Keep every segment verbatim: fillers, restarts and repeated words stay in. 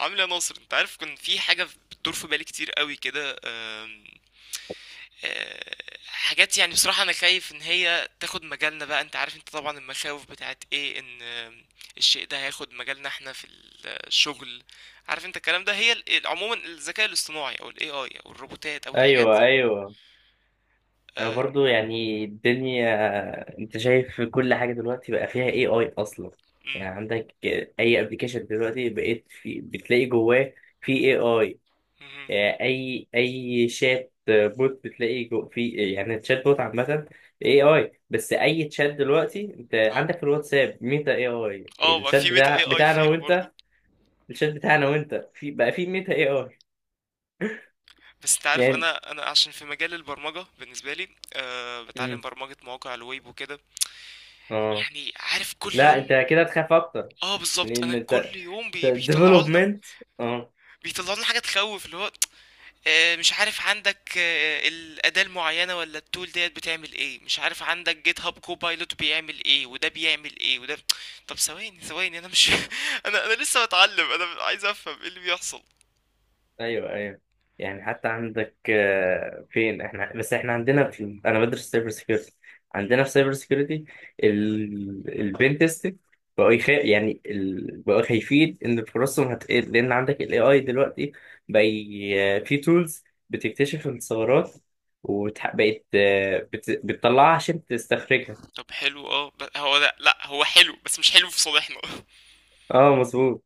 عامل يا ناصر؟ انت عارف كان في حاجة بتدور في بالي كتير قوي كده، آم، آه، حاجات يعني بصراحة انا خايف ان هي تاخد مجالنا بقى. انت عارف انت طبعا المخاوف بتاعت ايه، ان آم، الشيء ده هياخد مجالنا احنا في الشغل. عارف انت الكلام ده، هي ال- عموما الذكاء الاصطناعي او الاي اي او الروبوتات او الحاجات ايوه، دي. ايوه، انا اه. برضو يعني الدنيا انت شايف كل حاجه دلوقتي بقى فيها اي اي اصلا. مم، يعني عندك اي ابلكيشن دلوقتي بقيت في بتلاقي جواه في اي مهم، اي اي اي شات بوت بتلاقي جو في، يعني الشات بوت عامه اي اي. بس اي تشات دلوقتي انت اه. عندك في الواتساب ميتا اي اي. آه، ما الشات في ميتا اي بتاع اي بتاعنا فيها وانت، برضو. الشات بتاعنا وانت في بقى في ميتا اي اي. بس انت عارف، يعني انا انا عشان في مجال البرمجة بالنسبة لي أه بتعلم امم برمجة مواقع الويب وكده. اه يعني عارف كل لا يوم. انت كده تخاف اكتر اه بالظبط، انا لان انت كل يوم بي... بيطلعوا لنا، ديفلوبمنت. اه بيطلعوا لنا حاجه تخوف. اللي هو آه، مش عارف عندك آه، الاداه المعينه ولا التول ديت بتعمل ايه، مش عارف عندك جيت هاب كوبايلوت بيعمل ايه وده بيعمل ايه وده. طب ثواني ثواني انا مش انا انا لسه بتعلم، انا عايز افهم ايه اللي بيحصل. ايوه، ايوه، يعني حتى عندك آه، فين احنا، بس احنا عندنا في، انا بدرس سايبر سيكيورتي. عندنا في سايبر سيكيورتي البين تيستنج بقوا يخ... يعني ال... بقوا خايفين ان فرصهم هتقل، لان عندك الاي اي دلوقتي بقى ي... آه، في تولز بتكتشف الثغرات وبقت بت... بتطلعها عشان تستخرجها. طب حلو اه، ب- هو لا لا، هو حلو بس مش حلو في صالحنا. اه، مظبوط.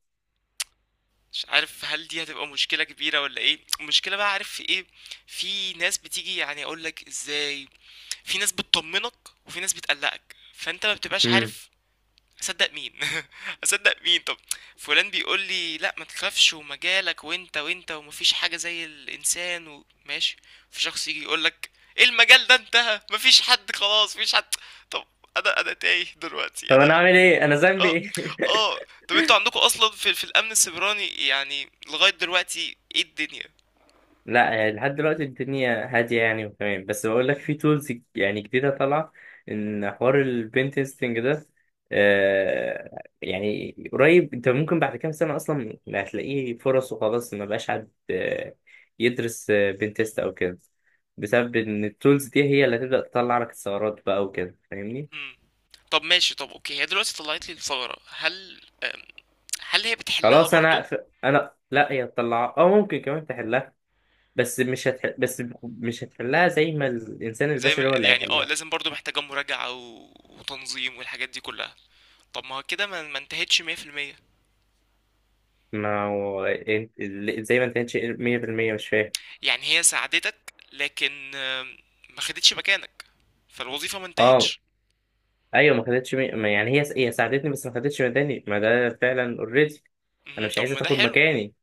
مش عارف هل دي هتبقى مشكله كبيره ولا ايه المشكله؟ بقى عارف في ايه، في ناس بتيجي يعني اقول لك ازاي، في ناس بتطمنك وفي ناس بتقلقك، فانت ما بتبقاش مم. عارف اصدق مين. اصدق مين؟ طب فلان بيقول لي لا ما تخافش، ومجالك وانت وانت، ومفيش حاجه زي الانسان، وماشي. في شخص يجي يقول لك ايه المجال ده انتهى، مفيش حد، خلاص مفيش حد. طب انا انا تايه دلوقتي طب انا انا. اعمل ايه، انا ذنبي اه ايه؟ اه. طب انتوا عندكم اصلا في في الامن السيبراني يعني، لغايه دلوقتي ايه الدنيا؟ لا يعني لحد دلوقتي الدنيا هادية يعني وتمام، بس بقول لك في تولز يعني جديدة طالعة إن حوار البنتستنج ده آه يعني قريب أنت ممكن بعد كام سنة أصلا ما هتلاقيه فرص، وخلاص ما بقاش حد آه، يدرس بنتست أو كده، بسبب إن التولز دي هي اللي هتبدأ تطلع لك ثغرات بقى وكده، فاهمني؟ مم. طب ماشي، طب اوكي، هي دلوقتي طلعت لي الثغرة، هل آم، هل هي بتحلها خلاص أنا برضه؟ أقف- أنا لا، هي تطلع أو ممكن كمان تحلها، بس مش هتح... بس مش هتحلها زي ما الإنسان زي ما البشري هو اللي يعني اه، هيحلها. لازم برضه محتاجة مراجعة و... وتنظيم والحاجات دي كلها. طب ما هو كده ما ما انتهتش مية في المية. ما هو انت زي ما انت كانتش مية بالمية مش فاهم. يعني هي ساعدتك لكن آم، ما خدتش مكانك، فالوظيفة ما اه انتهتش. ايوه، ما خدتش مي... ما يعني هي هي ساعدتني بس ما خدتش مكاني، ما ده فعلا اوريدي. انا مهم، مش طب عايزه ما ده تاخد حلو. مكاني.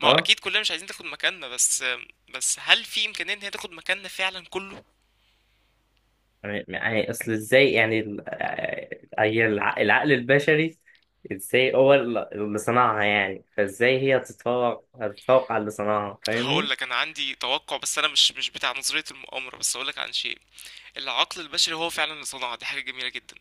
ما هو اه اكيد كلنا مش عايزين تاخد مكاننا، بس آم، بس هل في امكانية ان هي تاخد مكاننا فعلا كله؟ يعني، يعني اصل ازاي يعني ال- آه، هي الع- العقل البشري ازاي هو ال- اللي صنعها، يعني فازاي هي هتتفوق هتتفوق على اللي صنعها، فاهمني؟ هقول لك انا عندي توقع، بس انا مش مش بتاع نظرية المؤامرة، بس هقول لك عن شيء. العقل البشري هو فعلا اللي صنعها، دي حاجة جميلة جدا،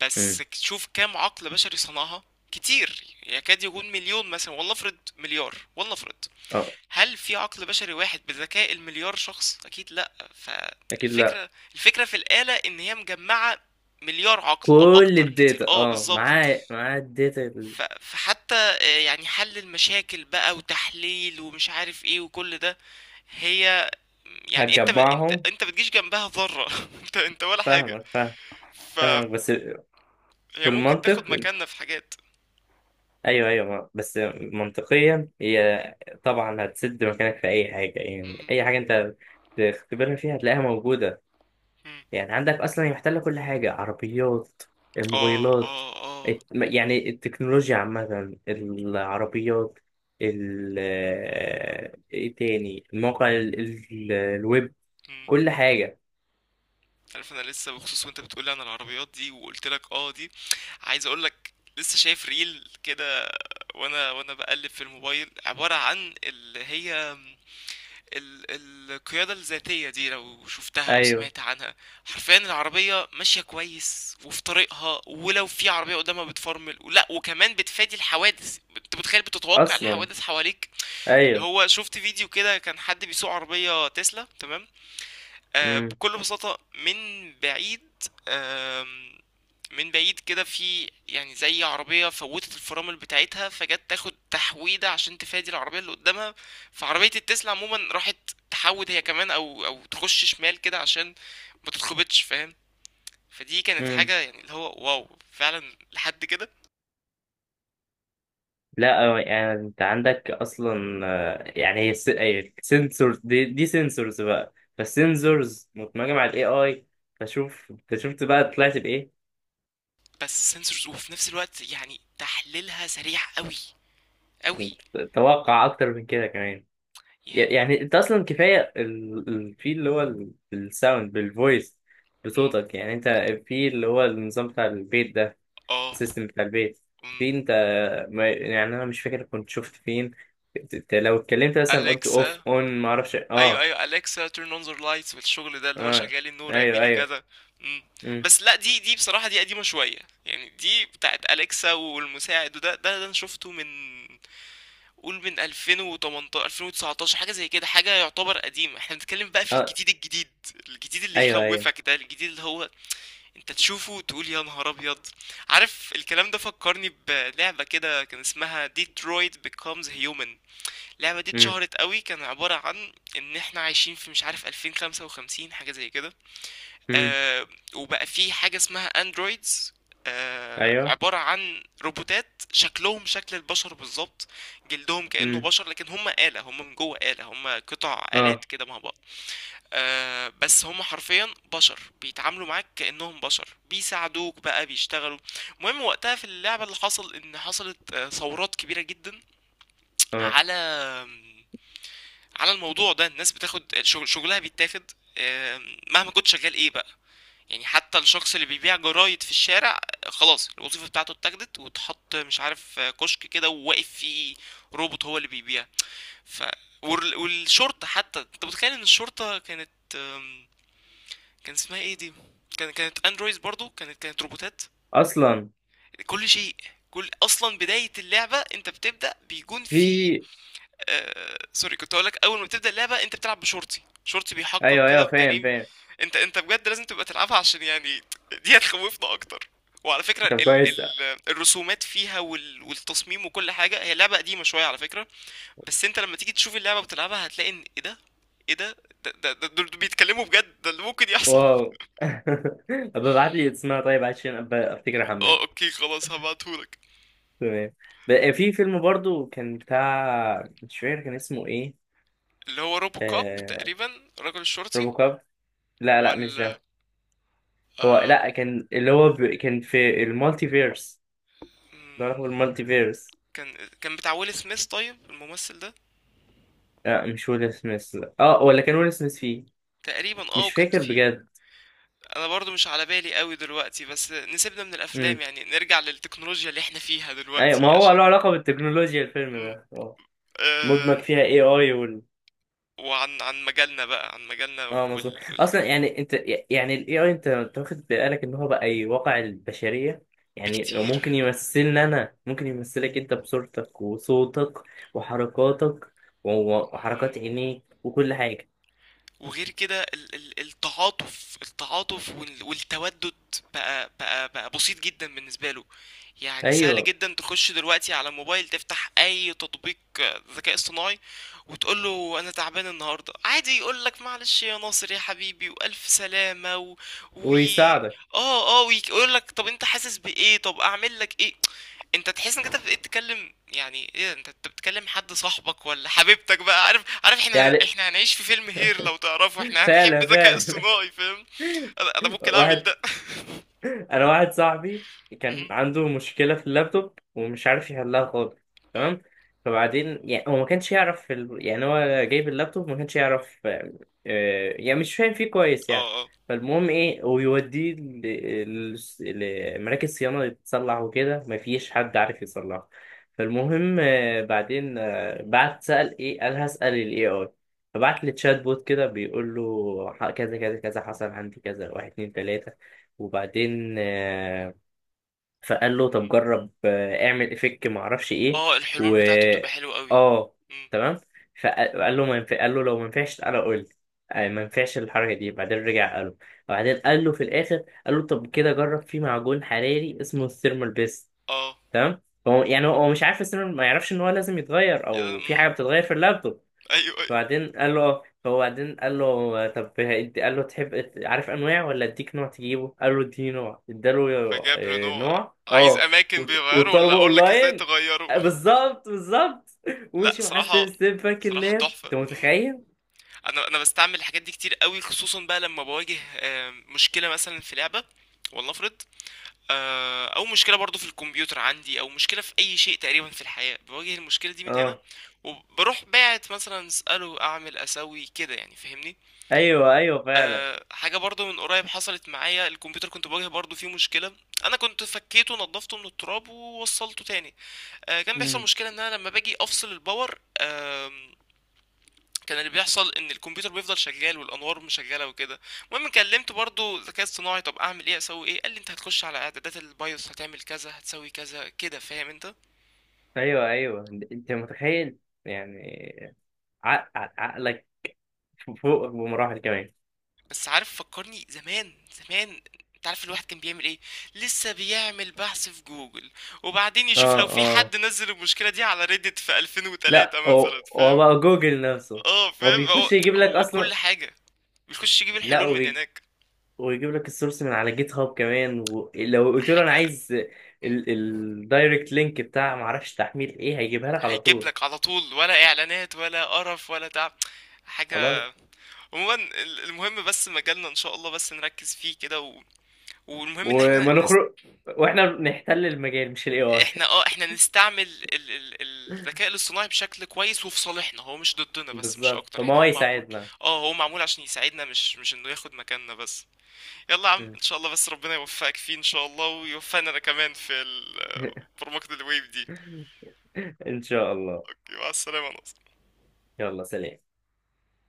بس امم شوف كام عقل بشري صنعها. كتير، يكاد يكون مليون مثلا، والله افرض مليار، والله افرض. اه، هل في عقل بشري واحد بذكاء المليار شخص؟ اكيد لا. اكيد لا. فالفكره الفكره في الآلة ان هي مجمعه مليار عقل او كل اكتر كتير، الداتا، اه اه، بالظبط. معاه معاه الداتا اللي ف- فحتى آه، يعني حل المشاكل بقى وتحليل ومش عارف ايه وكل ده، هي يعني انت ب... انت هتجمعهم. انت بتجيش جنبها ذرة، انت انت ولا حاجة. فاهمك، فاهم، فهي فاهمك، بس في ممكن المنطق. تاخد مكاننا في حاجات. ايوه، ايوه، ما- بس منطقيا هي طبعا هتسد مكانك في اي حاجه، يعني اي حاجه انت تختبرها فيها هتلاقيها موجوده. امم. يعني عندك اصلا هي محتله كل حاجه، عربيات، آه، الموبايلات، آه، آه. الت- يعني التكنولوجيا عامه، العربيات، ال آه، ايه تاني، الموقع، ال... ال... الويب، امم. كل حاجه. عارف أنا لسه بخصوص، وأنت بتقولي عن العربيات دي وقُلت لك آه دي، عايز أقول لك لسه شايف ريل كده، وأنا وأنا باقلِّب في الموبايل، عبارة عن اللي هي ال القيادة الذاتية دي، لو شُفتها أو ايوه، سمعت عنها. حرفيًا العربية ماشية كويس وفي طريقها، ولو في عربية قدامها بتفرمل ولأ، وكمان بتفادي الحوادث. أنت متخيل بتتوقع اصلا، الحوادث حواليك؟ اللي ايوه، هو شُفت فيديو كده كان حد بيسوق عربية تسلا، تمام؟ آه، بكل بساطة من بعيد، آم، من بعيد كده في يعني زي عربية فوتت الفرامل بتاعتها، فجت تاخد تحويدة عشان تفادي العربية اللي قدامها، فعربية التسلا عموما راحت تحود هي كمان، أو أو تخش شمال كده عشان ما تتخبطش، فاهم؟ فدي كانت حاجة امم يعني اللي هو واو فعلا لحد كده. لا آه، يعني انت عندك اصلا آه، يعني سنسورز، دي دي سنسورز بقى، فالسنسورز متمجمة على الاي اي. فشوف انت شفت بقى طلعت بايه؟ بس سنسورز، وفي نفس الوقت يعني تحليلها سريع قوي قوي. انت توقع اكتر من كده كمان. ي- يعني يعني انت اصلا كفايه ال- ال- في اللي هو ال- الساوند بالفويس م- م- بصوتك، يعني انت في اللي هو النظام بتاع البيت ده، اه، السيستم بتاع البيت في، انت ما- يعني انا مش فاكر كنت شفت فين، ت- ت- لو اتكلمت مثلا قلت اوف، أليكسا. اون، ما اعرفش. ايوه اه، ايوه، اليكسا تيرن اون ذا لايتس، والشغل ده اللي هو اه، شغالي النور، ايوه، اعملي ايوه، كذا. مم. امم بس لا، دي دي بصراحه دي قديمه شويه، يعني دي بتاعت اليكسا والمساعد، وده ده, ده انا شفته من قول من ألفين وتمنتاشر ألفين وتسعتاشر حاجه زي كده، حاجه يعتبر قديمه. احنا بنتكلم بقى في اه، الجديد الجديد، الجديد اللي ايوه، ايوه، يخوفك ده، الجديد اللي هو انت تشوفه تقول يا نهار ابيض. عارف الكلام ده فكرني بلعبه كده كان اسمها ديترويت بيكومز هيومن. اللعبة دي امم، اتشهرت قوي، كان عبارة عن ان احنا عايشين في مش عارف ألفين وخمسة وخمسين حاجة زي كده. امم، آه، وبقى في حاجة اسمها اندرويدز، آه ايوه، عبارة عن روبوتات شكلهم شكل البشر بالظبط، جلدهم كأنه امم بشر، لكن هم آلة، هم من جوه آلة، هم قطع آلات اه، كده مع بعض. آه بس هم حرفيا بشر، بيتعاملوا معاك كأنهم بشر، بيساعدوك بقى، بيشتغلوا. المهم وقتها في اللعبة اللي حصل ان حصلت آه، ثورات كبيرة جدا اه، على على الموضوع ده، الناس بتاخد شغل، شغلها بيتاخد، آم، مهما كنت شغال ايه بقى. يعني حتى الشخص اللي بيبيع جرايد في الشارع، آه، خلاص الوظيفة بتاعته اتاخدت واتحط مش عارف آه، كشك كده وواقف فيه روبوت هو اللي بيبيع. ف وال- والشرطة حتى، انت متخيل ان الشرطة كانت آم، كان اسمها ايه دي، كان كانت اندرويد برضو، كانت كانت روبوتات. اصلا كل شيء، كل اصلا بداية اللعبة انت بتبدأ بيكون في في. آه، سوري كنت هقول لك، اول ما بتبدا اللعبه انت بتلعب بشرطي، شرطي بيحقق ايوه، كده ايوه، في فاهم، جريمه. فاهم، انت انت بجد لازم تبقى تلعبها عشان يعني دي هتخوفنا اكتر. وعلى فكره طب ال كويس، ال الرسومات فيها وال والتصميم وكل حاجه، هي لعبه قديمه شويه على فكره، بس انت لما تيجي تشوف اللعبه بتلعبها هتلاقي ان ايه ده، ايه ده، ده ده ده- دول بيتكلموا بجد، ده اللي ممكن يحصل. واو. طب ابعت لي اسمها طيب، عشان أبقى افتكر احمل. اه اوكي خلاص هبعتهولك. تمام. بقى في فيلم برضو كان بتاع، مش فاكر كان اسمه ايه. اللي هو روبو كاب آه... تقريبا، الراجل الشرطي. روبو كاب؟ لا، لا، مش ولا. ده. هو آه، لا، كان اللي هو ب... كان في المالتي فيرس، ده هو المالتي فيرس. كان كان بتاع ويل سميث طيب الممثل ده، لا مش ويل سميث، اه، ولا كان ويل سميث فيه؟ تقريبا اه مش وكان فاكر في. بجد. انا برضو مش على بالي قوي دلوقتي، بس نسيبنا من الافلام امم يعني، نرجع للتكنولوجيا اللي احنا فيها ايوه، ما دلوقتي هو عشان. له علاقه بالتكنولوجيا الفيلم مم. ده، اه، آم. مدمج فيها اي اي وال وعن عن مجالنا بقى، عن مجالنا اه، مظبوط وال... اصلا. والتكنولوجيا. يعني انت، يعني الاي اي، انت انت واخد بالك ان هو بقى يواقع البشريه، يعني ممكن بكتير. يمثلنا، انا ممكن يمثلك انت بصورتك وصوتك وحركاتك و- وحركات مم. عينيك وكل حاجه. وغير كده ال- ال- التعاطف، التعاطف وال- والتودد بقى بقى بقى بسيط جدا بالنسبة له. يعني سهل ايوه، جدا تخش دلوقتي على الموبايل تفتح اي تطبيق آه، ذكاء اصطناعي وتقول له انا تعبان النهارده عادي، يقول لك معلش يا ناصر يا حبيبي، والف سلامة و... وي... ويساعدك. اه اه، ويقول لك طب انت حاسس بايه، طب اعمل لك ايه. انت تحس انك انت بقيت تتكلم يعني، ايه انت انت بتتكلم حد صاحبك ولا حبيبتك بقى؟ عارف عارف احنا، يعني احنا هنعيش في فيلم هير لو تعرفه، احنا هنحب فعلا، الذكاء فعلا. الصناعي، فاهم؟ انا انا ممكن اعمل واحد، ده. انا واحد صاحبي كان مم. عنده مشكله في اللابتوب ومش عارف يحلها خالص. مم. تمام. فبعدين يعني هو ما كانش يعرف في ال... يعني هو جايب اللابتوب ما كانش يعرف، آه، آه، يعني مش فاهم فيه كويس اه يعني. اه فالمهم ايه، ويوديه ل- ل- لمراكز صيانه يتصلح وكده، ما فيش حد عارف يصلحه. فالمهم آه، بعدين، آه، بعت، سأل ايه، قال هسأل الاي اي. فبعت لي تشات بوت كده، بيقول له ح- كذا كذا كذا حصل عندي كذا، واحد اتنين تلاته. وبعدين آه، فقال له طب جرب، آه، اعمل افك ما اعرفش ايه، اه الحلول و بتاعته بتبقى حلوة قوي. اه مم. تمام. فقال له ما ينفع، قال له لو ما ينفعش تعالى قول لي. آه، ما ينفعش الحركه دي، بعدين رجع قال له، وبعدين قال له في الاخر قال له طب كده جرب في معجون حراري اسمه الثيرمال بيست. اه. تمام. هو يعني، هو هو مش عارف الثيرمال، ما يعرفش ان هو لازم يتغير يا- او في مم. حاجه بتتغير في اللابتوب. ايوه ايوه. وبعدين قال له، هو بعدين قال له طب هيدي- قال له تحب عارف انواع ولا اديك نوع تجيبه، قال له اديني نوع، اداله فجاب له آه، نوع. نوع، عايز اه. اماكن وط- بيغيره ولا وطلبه اقول لك ازاي اونلاين. تغيره؟ آه، بالظبط، بالظبط. لا ومشي معاه صراحة، ستيب ستيب، باك صراحة اللاب، انت تحفة. متخيل؟ انا انا بستعمل الحاجات دي كتير قوي، خصوصا بقى لما بواجه آه، مشكله مثلا في لعبه ولنفرض آه، او مشكله برضو في الكمبيوتر عندي، او مشكله في اي شيء تقريبا في الحياه، بواجه المشكله دي من هنا اه، وبروح باعت مثلا اساله اعمل اسوي كده، يعني فاهمني. ايوه، ايوه، فعلا. أه حاجه برضو من قريب حصلت معايا، الكمبيوتر كنت بواجه برضو فيه مشكله. انا كنت فكيته نضفته من التراب ووصلته تاني، أه كان بيحصل امم مشكله ان انا لما باجي افصل الباور أه، كان اللي بيحصل ان الكمبيوتر بيفضل شغال والانوار مش شغاله وكده. المهم كلمت برضو الذكاء الصناعي طب اعمل ايه، اسوي ايه، قال لي انت هتخش على اعدادات البايوس، هتعمل كذا، هتسوي كذا كده، فاهم انت. ايوه، ايوه، انت متخيل يعني، عق- عق- عقلك فوق بمراحل كمان. بس عارف فكرني زمان زمان، انت عارف الواحد كان بيعمل ايه، لسه بيعمل بحث في جوجل، وبعدين يشوف اه، لو في اه، حد نزل المشكله دي على ريدت في ألفين وثلاثة لا، مثلا، هو هو فاهم. بقى جوجل نفسه، اه هو فاهم، هو بيخش يجيب لك هو كل اصلا. حاجه، بيخش يجيب لا، الحلول من هناك ويجيب لك السورس من على جيت هاب كمان، ولو قلت له انا حاجه. عايز الدايركت لينك بتاع معرفش تحميل ايه هيجيبها لك على هيجيب طول. لك على طول، ولا اعلانات ولا قرف ولا تعب حاجة. خلاص. عموما ال- المهم بس مجالنا ان شاء الله بس نركز فيه كده و... والمهم ان وما احنا نست... نخرج، واحنا بنحتل المجال مش الاي اي. احنا اه احنا نستعمل ال... ال... الذكاء الاصطناعي بشكل كويس وفي صالحنا، هو مش ضدنا، بس مش بالظبط، اكتر فما يعني، هو هو معمول، يساعدنا. اه هو معمول عشان يساعدنا، مش مش انه ياخد مكاننا بس. يلا يا عم ان شاء الله، بس ربنا يوفقك فيه ان شاء الله، ويوفقنا انا كمان في ال- برمجة الويب دي. ان شاء الله. مع السلامة ناصر. يلا سلام.